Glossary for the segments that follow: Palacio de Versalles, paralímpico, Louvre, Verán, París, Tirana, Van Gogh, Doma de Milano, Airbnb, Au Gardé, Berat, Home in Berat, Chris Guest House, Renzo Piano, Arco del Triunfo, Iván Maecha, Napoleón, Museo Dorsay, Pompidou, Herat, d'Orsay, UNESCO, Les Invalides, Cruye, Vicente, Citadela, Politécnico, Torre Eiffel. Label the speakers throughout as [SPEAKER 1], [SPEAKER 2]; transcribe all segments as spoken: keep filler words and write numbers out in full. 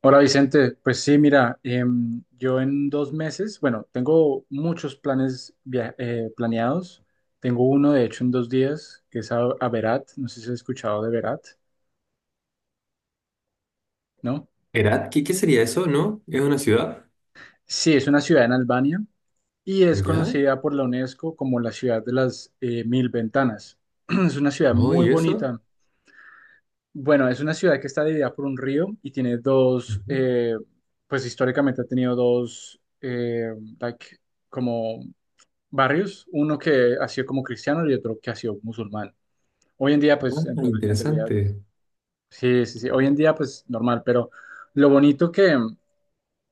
[SPEAKER 1] Hola Vicente, pues sí, mira, em, yo en dos meses, bueno, tengo muchos planes via- eh, planeados. Tengo uno, de hecho, en dos días, que es a, a Berat, no sé si has escuchado de Berat, ¿no?
[SPEAKER 2] Herat, ¿qué, qué sería eso, ¿no? ¿Es una ciudad?
[SPEAKER 1] Sí, es una ciudad en Albania y es
[SPEAKER 2] ¿Ya?
[SPEAKER 1] conocida por la UNESCO como la ciudad de las eh, mil ventanas. Es una ciudad
[SPEAKER 2] ¿No?
[SPEAKER 1] muy
[SPEAKER 2] ¿Y eso?
[SPEAKER 1] bonita. Bueno, es una ciudad que está dividida por un río y tiene dos,
[SPEAKER 2] Ujú.
[SPEAKER 1] eh, pues históricamente ha tenido dos, eh, like, como barrios, uno que ha sido como cristiano y otro que ha sido musulmán. Hoy en día, pues, en,
[SPEAKER 2] Ah,
[SPEAKER 1] re- en realidad,
[SPEAKER 2] interesante.
[SPEAKER 1] sí, sí, sí, hoy en día, pues, normal, pero lo bonito que,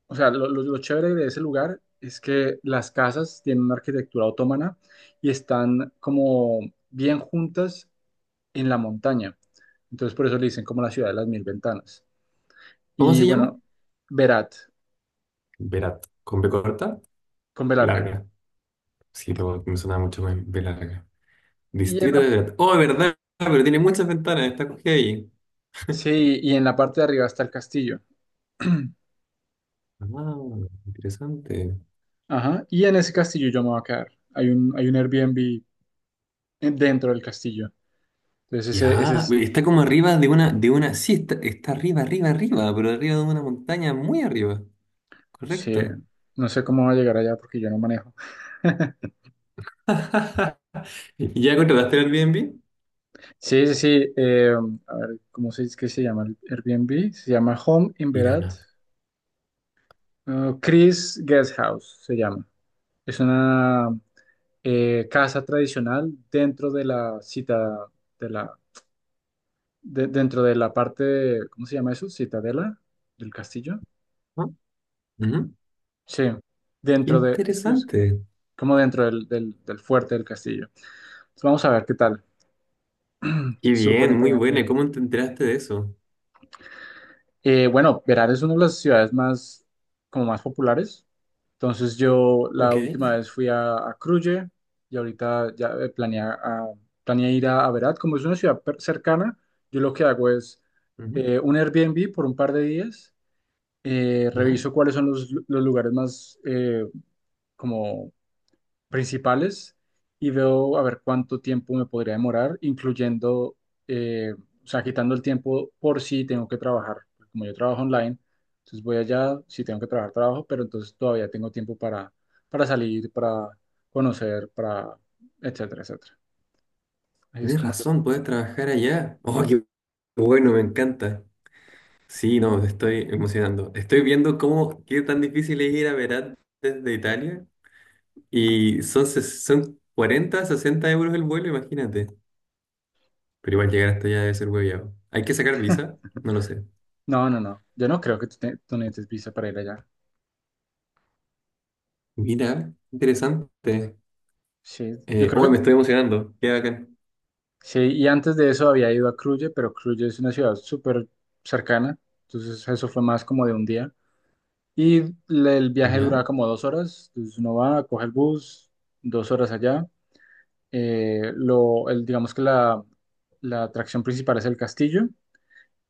[SPEAKER 1] o sea, lo, lo- lo chévere de ese lugar es que las casas tienen una arquitectura otomana y están como bien juntas en la montaña. Entonces, por eso le dicen como la ciudad de las mil ventanas.
[SPEAKER 2] ¿Cómo
[SPEAKER 1] Y
[SPEAKER 2] se llama?
[SPEAKER 1] bueno, Berat,
[SPEAKER 2] Berat. ¿Con B corta?
[SPEAKER 1] con B larga.
[SPEAKER 2] Larga. Sí, lo- me suena mucho más B larga.
[SPEAKER 1] Y en
[SPEAKER 2] Distrito de
[SPEAKER 1] la,
[SPEAKER 2] Berat. Oh, verdad, pero tiene muchas ventanas, está cogida ahí.
[SPEAKER 1] sí, y en la parte de arriba está el castillo.
[SPEAKER 2] Ah, interesante.
[SPEAKER 1] Ajá, y en ese castillo yo me voy a quedar. Hay un, hay un Airbnb en- dentro del castillo. Entonces ese, ese
[SPEAKER 2] Ya,
[SPEAKER 1] es,
[SPEAKER 2] está como arriba de una, de una, sí, está, está arriba, arriba, arriba, pero arriba de una montaña muy arriba.
[SPEAKER 1] sí,
[SPEAKER 2] Correcto.
[SPEAKER 1] no sé cómo va a llegar allá porque yo no manejo.
[SPEAKER 2] ¿Y ¿Ya contrataste el Airbnb?
[SPEAKER 1] Sí, sí, sí. Eh, a ver, ¿cómo se dice que se llama el Airbnb? Se llama Home in Berat.
[SPEAKER 2] Tirana.
[SPEAKER 1] eh, Chris Guest House se llama. Es una eh, casa tradicional dentro de la cita, de la, de- dentro de la parte, ¿cómo se llama eso? Citadela del castillo.
[SPEAKER 2] ¿No? Ujú.
[SPEAKER 1] Sí,
[SPEAKER 2] Qué
[SPEAKER 1] dentro de,
[SPEAKER 2] interesante.
[SPEAKER 1] como dentro del, del- del fuerte del castillo. Entonces, vamos a ver qué tal.
[SPEAKER 2] Qué
[SPEAKER 1] Súper
[SPEAKER 2] bien, muy
[SPEAKER 1] interesante.
[SPEAKER 2] buena. ¿y ¿Cómo te enteraste de eso?
[SPEAKER 1] Eh, bueno, Verán es una de las ciudades más, como más populares. Entonces yo la
[SPEAKER 2] Ok.
[SPEAKER 1] última vez fui a, a Cruye y ahorita ya eh, planeé, a- planeé ir a, a Berat. Como es una ciudad per- cercana, yo lo que hago es
[SPEAKER 2] Ujú,
[SPEAKER 1] eh, un Airbnb por un par de días. Eh,
[SPEAKER 2] ¿ya?
[SPEAKER 1] reviso cuáles son los, los lugares más eh, como principales y veo a ver cuánto tiempo me podría demorar, incluyendo, eh, o sea, quitando el tiempo por si tengo que trabajar. Pues, como yo trabajo online, entonces voy allá, si tengo que trabajar, trabajo, pero entonces todavía tengo tiempo para, para salir, para conocer, para, etcétera, etcétera. Así es
[SPEAKER 2] Tienes
[SPEAKER 1] como yo.
[SPEAKER 2] razón, puedes trabajar allá. Oh, qué bueno, me encanta. Sí, no, me estoy emocionando. Estoy viendo cómo, qué tan difícil es ir a Verán desde Italia. Y son, ses- son cuarenta, sesenta euros el vuelo, imagínate. Pero igual llegar hasta allá debe ser hueviado. ¿Hay que sacar visa? No lo sé.
[SPEAKER 1] No, no, no. Yo no creo que tú, te- tú necesites visa para ir allá.
[SPEAKER 2] Mira, interesante.
[SPEAKER 1] Sí, yo
[SPEAKER 2] Eh,
[SPEAKER 1] creo
[SPEAKER 2] oh, me
[SPEAKER 1] que
[SPEAKER 2] estoy emocionando. Qué bacán.
[SPEAKER 1] sí. Y antes de eso había ido a Cruye, pero Cruye es una ciudad súper cercana. Entonces eso fue más como de un día. Y la- el viaje
[SPEAKER 2] ¿Ya?
[SPEAKER 1] duraba como dos horas, entonces uno va, coge el bus, dos horas allá. Eh, lo, el, digamos que la, la atracción principal es el castillo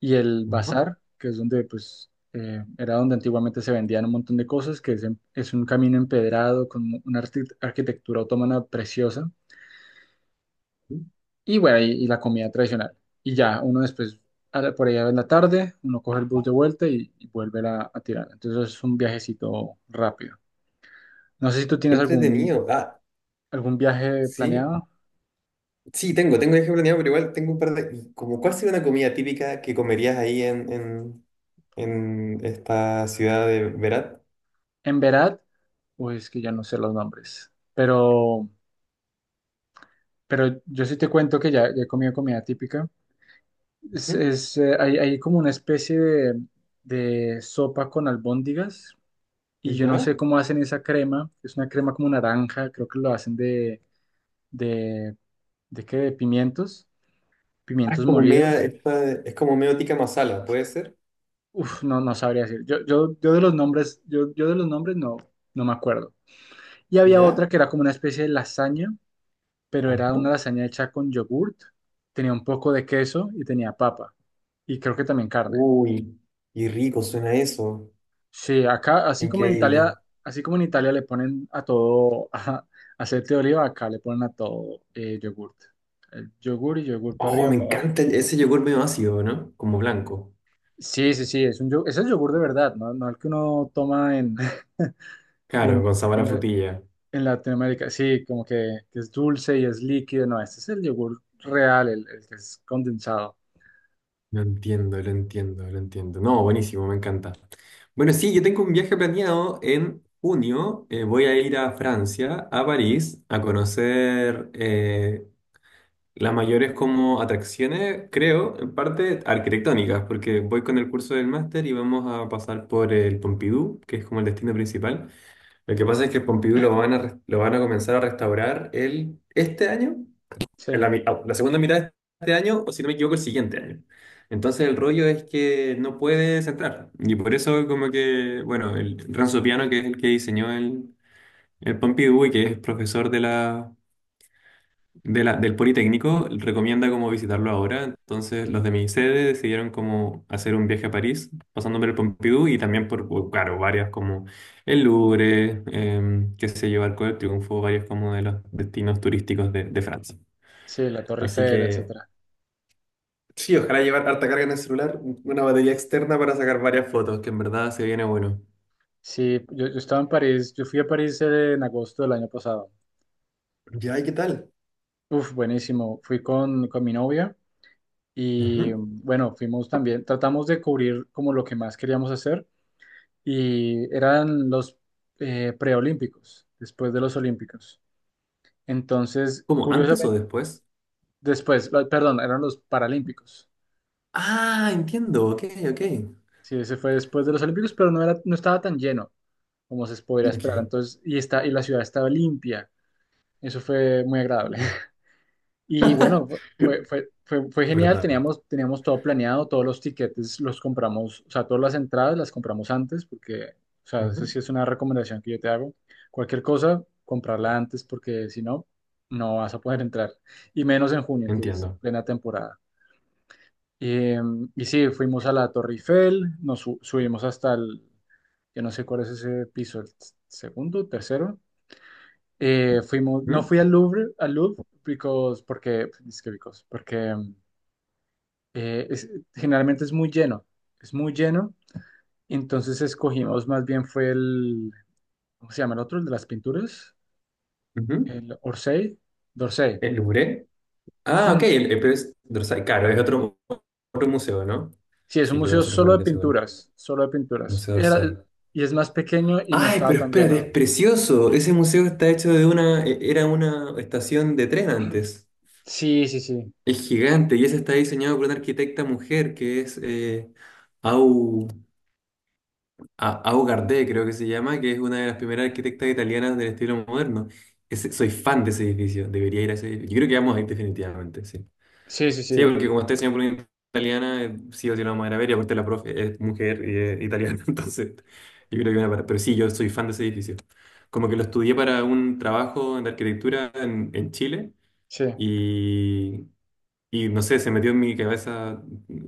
[SPEAKER 1] y el
[SPEAKER 2] Ujú.
[SPEAKER 1] bazar, que es donde, pues, eh, era donde antiguamente se vendían un montón de cosas, que es, en- es un camino empedrado con una arqui- arquitectura otomana preciosa.
[SPEAKER 2] Qué
[SPEAKER 1] Y bueno, y, y la comida tradicional. Y ya, uno después, a la- por allá en la tarde, uno coge el bus de vuelta y, y vuelve a, a tirar. Entonces es un viajecito rápido. No sé si tú tienes algún,
[SPEAKER 2] entretenido. Ah,
[SPEAKER 1] algún viaje
[SPEAKER 2] sí,
[SPEAKER 1] planeado
[SPEAKER 2] sí, tengo, tengo viaje planeado, pero igual tengo un par de. Y como, ¿cuál sería una comida típica que comerías ahí en, en, en esta ciudad de Berat?
[SPEAKER 1] en Berat, o es que ya no sé los nombres. Pero, pero yo sí te cuento que ya, ya he comido comida típica. Es,
[SPEAKER 2] ¿Mm?
[SPEAKER 1] es, eh, hay, hay como una especie de, de sopa con albóndigas y yo no
[SPEAKER 2] ¿Ya?
[SPEAKER 1] sé cómo hacen esa crema. Es una crema como naranja, creo que lo hacen de, de, de qué, de pimientos,
[SPEAKER 2] Ah, es
[SPEAKER 1] pimientos
[SPEAKER 2] como media,
[SPEAKER 1] molidos.
[SPEAKER 2] esta, es como medio tikka masala, ¿puede ser?
[SPEAKER 1] Uf, no, no sabría decir. Yo, yo, yo de los nombres, yo, yo de los nombres no, no me acuerdo. Y había
[SPEAKER 2] ¿Ya?
[SPEAKER 1] otra que era como una especie de lasaña, pero era
[SPEAKER 2] Ajá.
[SPEAKER 1] una lasaña hecha con yogurt, tenía un poco de queso y tenía papa. Y creo que también carne.
[SPEAKER 2] Uy, y rico suena eso.
[SPEAKER 1] Sí, acá, así como en Italia,
[SPEAKER 2] Increíble.
[SPEAKER 1] así como en Italia le ponen a todo ajá, aceite de oliva, acá le ponen a todo eh, yogurt. El yogur y yogur para
[SPEAKER 2] Oh,
[SPEAKER 1] arriba,
[SPEAKER 2] me
[SPEAKER 1] para abajo.
[SPEAKER 2] encanta ese yogur medio ácido, ¿no? Como blanco.
[SPEAKER 1] Sí, sí, sí, es un yogur, es el yogur de verdad, ¿no? No el que uno toma en,
[SPEAKER 2] Claro,
[SPEAKER 1] en,
[SPEAKER 2] con sabor a
[SPEAKER 1] en, la-
[SPEAKER 2] frutilla.
[SPEAKER 1] en Latinoamérica. Sí, como que, que es dulce y es líquido, no, este es el yogur real, el, el que es condensado.
[SPEAKER 2] Lo entiendo, lo entiendo, lo entiendo. No, buenísimo, me encanta. Bueno, sí, yo tengo un viaje planeado en junio. Eh, voy a ir a Francia, a París, a conocer eh, las mayores como atracciones, creo, en parte arquitectónicas, porque voy con el curso del máster y vamos a pasar por el Pompidou, que es como el destino principal. Lo que pasa es que el Pompidou lo van a, res- lo van a comenzar a restaurar el, este año
[SPEAKER 1] Sí,
[SPEAKER 2] en la, mi- ah, la segunda mitad de este año, o si no me equivoco, el siguiente año. Entonces el rollo es que no puedes entrar. Y por eso como que, bueno, el Renzo Piano, que es el que diseñó el, el Pompidou y que es profesor de la, de la, del Politécnico, recomienda como visitarlo ahora. Entonces los de mi sede decidieron como hacer un viaje a París, pasando por el Pompidou y también por, por, claro, varias como el Louvre, em, qué sé yo, Arco del Triunfo, varios como de los destinos turísticos de de Francia.
[SPEAKER 1] sí, la Torre
[SPEAKER 2] Así
[SPEAKER 1] Eiffel,
[SPEAKER 2] que
[SPEAKER 1] etcétera.
[SPEAKER 2] sí, ojalá llevar harta carga en el celular, una batería externa para sacar varias fotos, que en verdad se viene bueno.
[SPEAKER 1] Sí, yo, yo estaba en París, yo fui a París eh, en agosto del año pasado.
[SPEAKER 2] Ya, ¿y qué tal?
[SPEAKER 1] Uf, buenísimo. Fui con, con mi novia y
[SPEAKER 2] Ujú.
[SPEAKER 1] mm, bueno, fuimos también, tratamos de cubrir como lo que más queríamos hacer y eran los eh, preolímpicos, después de los olímpicos. Entonces,
[SPEAKER 2] ¿Cómo? ¿Antes o
[SPEAKER 1] curiosamente,
[SPEAKER 2] después?
[SPEAKER 1] después, la- perdón, eran los paralímpicos.
[SPEAKER 2] Ah, entiendo, ok, ok.
[SPEAKER 1] Sí, ese fue después de los olímpicos, pero no era, no estaba tan lleno como se podría esperar.
[SPEAKER 2] Ok.
[SPEAKER 1] Entonces, y está, y la ciudad estaba limpia. Eso fue muy agradable.
[SPEAKER 2] Oh.
[SPEAKER 1] Y bueno, fue, fue, fue, fue genial,
[SPEAKER 2] ¿Verdad?
[SPEAKER 1] teníamos, teníamos todo planeado, todos los tiquetes los compramos, o sea, todas las entradas las compramos antes, porque, o sea, eso
[SPEAKER 2] Ujú.
[SPEAKER 1] sí es una recomendación que yo te hago. Cualquier cosa, comprarla antes, porque si no, no vas a poder entrar. Y menos en junio, que es
[SPEAKER 2] Entiendo.
[SPEAKER 1] plena temporada. Eh, y sí, fuimos a la Torre Eiffel, nos su- subimos hasta el, yo no sé cuál es ese piso, el segundo, tercero, eh, fuimos, no
[SPEAKER 2] Ujú,
[SPEAKER 1] fui al Louvre, al Louvre, because, porque, es que because, porque eh, es- generalmente es muy lleno, es muy lleno, entonces escogimos, más bien fue el, ¿cómo se llama el otro? El de las pinturas,
[SPEAKER 2] ujú.
[SPEAKER 1] el Orsay, d'Orsay.
[SPEAKER 2] ¿El Louvre? Ah, ok, el, el- pero es Dorsay. Claro, es otro, otro museo, ¿no?
[SPEAKER 1] Sí, es
[SPEAKER 2] Sí,
[SPEAKER 1] un
[SPEAKER 2] creo que
[SPEAKER 1] museo
[SPEAKER 2] nosotros vamos a
[SPEAKER 1] solo
[SPEAKER 2] ir
[SPEAKER 1] de
[SPEAKER 2] a ese bueno.
[SPEAKER 1] pinturas, solo de pinturas.
[SPEAKER 2] Museo
[SPEAKER 1] Era,
[SPEAKER 2] Dorsay.
[SPEAKER 1] y es más pequeño y no
[SPEAKER 2] Ay,
[SPEAKER 1] estaba
[SPEAKER 2] pero
[SPEAKER 1] tan
[SPEAKER 2] espérate, es
[SPEAKER 1] lleno.
[SPEAKER 2] precioso. Ese museo está hecho de una, e- era una estación de tren antes.
[SPEAKER 1] Sí, sí, sí,
[SPEAKER 2] Es gigante y ese está diseñado por una arquitecta mujer que es eh, Au, A- Au Gardé, creo que se llama, que es una de las primeras arquitectas italianas del estilo moderno. Ese- soy fan de ese edificio, debería ir a ese edificio. Yo creo que vamos a ir definitivamente, sí.
[SPEAKER 1] sí, sí,
[SPEAKER 2] Sí,
[SPEAKER 1] sí,
[SPEAKER 2] porque como está diseñado por una italiana, eh, sí o sí lo vamos a ir a ver y aparte la profe es mujer y es italiana, entonces yo creo que van a parar. Pero sí, yo soy fan de ese edificio. Como que lo estudié para un trabajo de arquitectura en en Chile.
[SPEAKER 1] sí.
[SPEAKER 2] Y, y no sé, se metió en mi cabeza,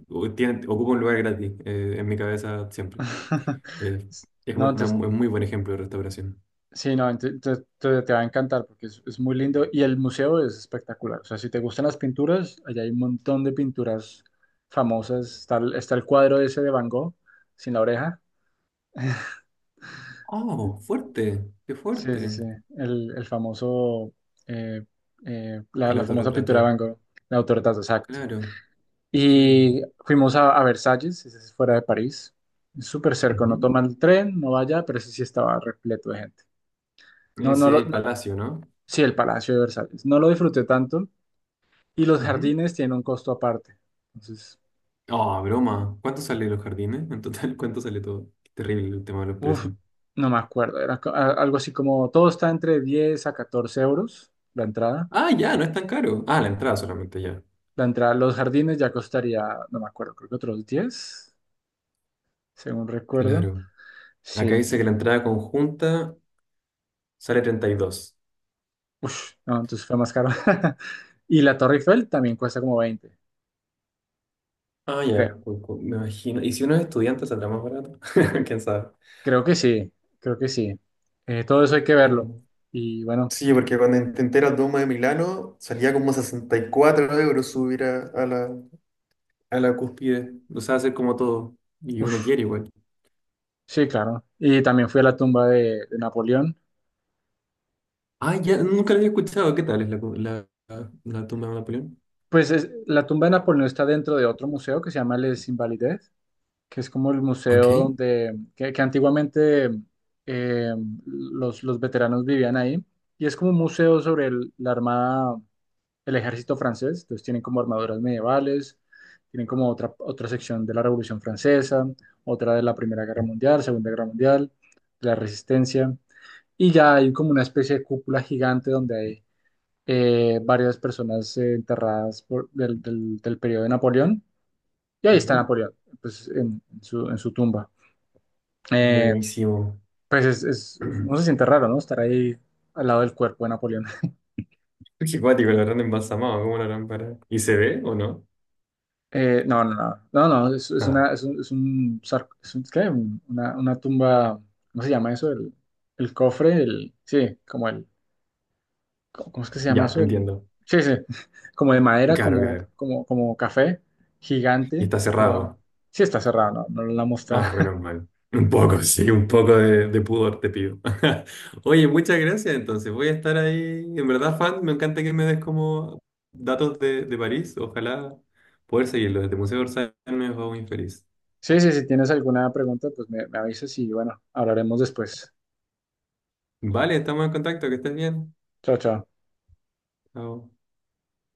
[SPEAKER 2] o- tiene- ocupa un lugar gratis eh, en mi cabeza siempre. Eh, es
[SPEAKER 1] No,
[SPEAKER 2] una
[SPEAKER 1] entonces
[SPEAKER 2] mu- un muy buen ejemplo de restauración.
[SPEAKER 1] sí. No, ent- te, te- te va a encantar porque es, es muy lindo y el museo es espectacular. O sea, si te gustan las pinturas, allá hay un montón de pinturas famosas. Está, el- está el cuadro ese de Van Gogh, sin la oreja.
[SPEAKER 2] ¡Oh, fuerte! ¡Qué
[SPEAKER 1] Sí, sí,
[SPEAKER 2] fuerte!
[SPEAKER 1] sí. El, el famoso, eh, eh, la,
[SPEAKER 2] El
[SPEAKER 1] la famosa pintura de
[SPEAKER 2] autorretrato.
[SPEAKER 1] Van Gogh, la autorretrato, exacto.
[SPEAKER 2] Claro, claro.
[SPEAKER 1] Y fuimos a, a Versalles, ese es fuera de París. Es súper cerca, no
[SPEAKER 2] Ujú.
[SPEAKER 1] toma el tren, no vaya, pero ese sí estaba repleto de gente.
[SPEAKER 2] Ese
[SPEAKER 1] No, no, lo,
[SPEAKER 2] es el
[SPEAKER 1] no-
[SPEAKER 2] palacio, ¿no?
[SPEAKER 1] Sí, el Palacio de Versalles. No lo disfruté tanto. Y los
[SPEAKER 2] Ujú.
[SPEAKER 1] jardines tienen un costo aparte. Entonces,
[SPEAKER 2] ¡Oh, broma! ¿Cuánto sale los jardines? En total, ¿cuánto sale todo? Qué terrible el tema de los
[SPEAKER 1] uff,
[SPEAKER 2] precios.
[SPEAKER 1] no me acuerdo. Era co- a- algo así como todo está entre diez a catorce euros la entrada.
[SPEAKER 2] Ah, ya, no es tan caro. Ah, la entrada solamente ya.
[SPEAKER 1] La entrada a los jardines ya costaría, no me acuerdo, creo que otros diez, según recuerdo.
[SPEAKER 2] Claro. Acá
[SPEAKER 1] Sí,
[SPEAKER 2] dice que la entrada conjunta sale treinta y dos.
[SPEAKER 1] uff, no, entonces fue más caro. Y la Torre Eiffel también cuesta como veinte.
[SPEAKER 2] Ah,
[SPEAKER 1] Creo,
[SPEAKER 2] ya, cu- cu- me imagino. ¿Y si uno es estudiante saldrá más barato? ¿Quién sabe?
[SPEAKER 1] creo que sí, creo que sí. Eh, todo eso hay que verlo.
[SPEAKER 2] Mm.
[SPEAKER 1] Y bueno,
[SPEAKER 2] Sí, porque cuando intenté la Doma de Milano salía como sesenta y cuatro euros subir a, a la. A la cúspide, o sea, hacer como todo. Y uno quiere igual.
[SPEAKER 1] sí, claro. Y también fui a la tumba de de Napoleón.
[SPEAKER 2] Ah, ya, nunca lo había escuchado. ¿Qué tal es la, cu- la, la, la tumba de Napoleón?
[SPEAKER 1] Pues es- la tumba de Napoleón está dentro de otro museo que se llama Les Invalides, que es como el
[SPEAKER 2] Ok.
[SPEAKER 1] museo donde, que, que antiguamente eh, los, los veteranos vivían ahí. Y es como un museo sobre el- la armada, el ejército francés. Entonces tienen como armaduras medievales, tienen como otra, otra sección de la Revolución Francesa, otra de la Primera Guerra Mundial, Segunda Guerra Mundial, de la Resistencia. Y ya hay como una especie de cúpula gigante donde hay eh, varias personas eh, enterradas por- del, del- del periodo de Napoleón, y ahí está
[SPEAKER 2] Ujú.
[SPEAKER 1] Napoleón, pues en, en su, en su tumba. Eh,
[SPEAKER 2] Buenísimo.
[SPEAKER 1] pues es, es- no se siente raro, ¿no? Estar ahí al lado del cuerpo de Napoleón.
[SPEAKER 2] Qué cuático, la habrán embalsamado, ¿cómo la harán para? ¿Y se ve o no?
[SPEAKER 1] Eh, no, no, no, no, no, es, es
[SPEAKER 2] Ah,
[SPEAKER 1] una, es un, es un, sar- es un- ¿qué? Un- Una, una tumba. ¿Cómo se llama eso? El, el cofre, el, sí, como el, ¿cómo cómo es que se llama
[SPEAKER 2] ya,
[SPEAKER 1] eso? El,
[SPEAKER 2] entiendo.
[SPEAKER 1] sí, sí, como de madera,
[SPEAKER 2] Claro,
[SPEAKER 1] como,
[SPEAKER 2] claro.
[SPEAKER 1] como, como café,
[SPEAKER 2] Y
[SPEAKER 1] gigante,
[SPEAKER 2] está
[SPEAKER 1] pero
[SPEAKER 2] cerrado.
[SPEAKER 1] sí está cerrado, no, no lo la mostrar.
[SPEAKER 2] Ah, menos mal. Un poco, sí, un poco de, de pudor te pido. Oye, muchas gracias. Entonces, voy a estar ahí. En verdad, fan, me encanta que me des como datos de, de París. Ojalá poder seguirlo. Desde Museo de Orsay me hago muy feliz.
[SPEAKER 1] Sí, sí, si tienes alguna pregunta, pues me, me avisas y bueno, hablaremos después.
[SPEAKER 2] Vale, estamos en contacto. Que estés bien.
[SPEAKER 1] Chao, chao.
[SPEAKER 2] Chao.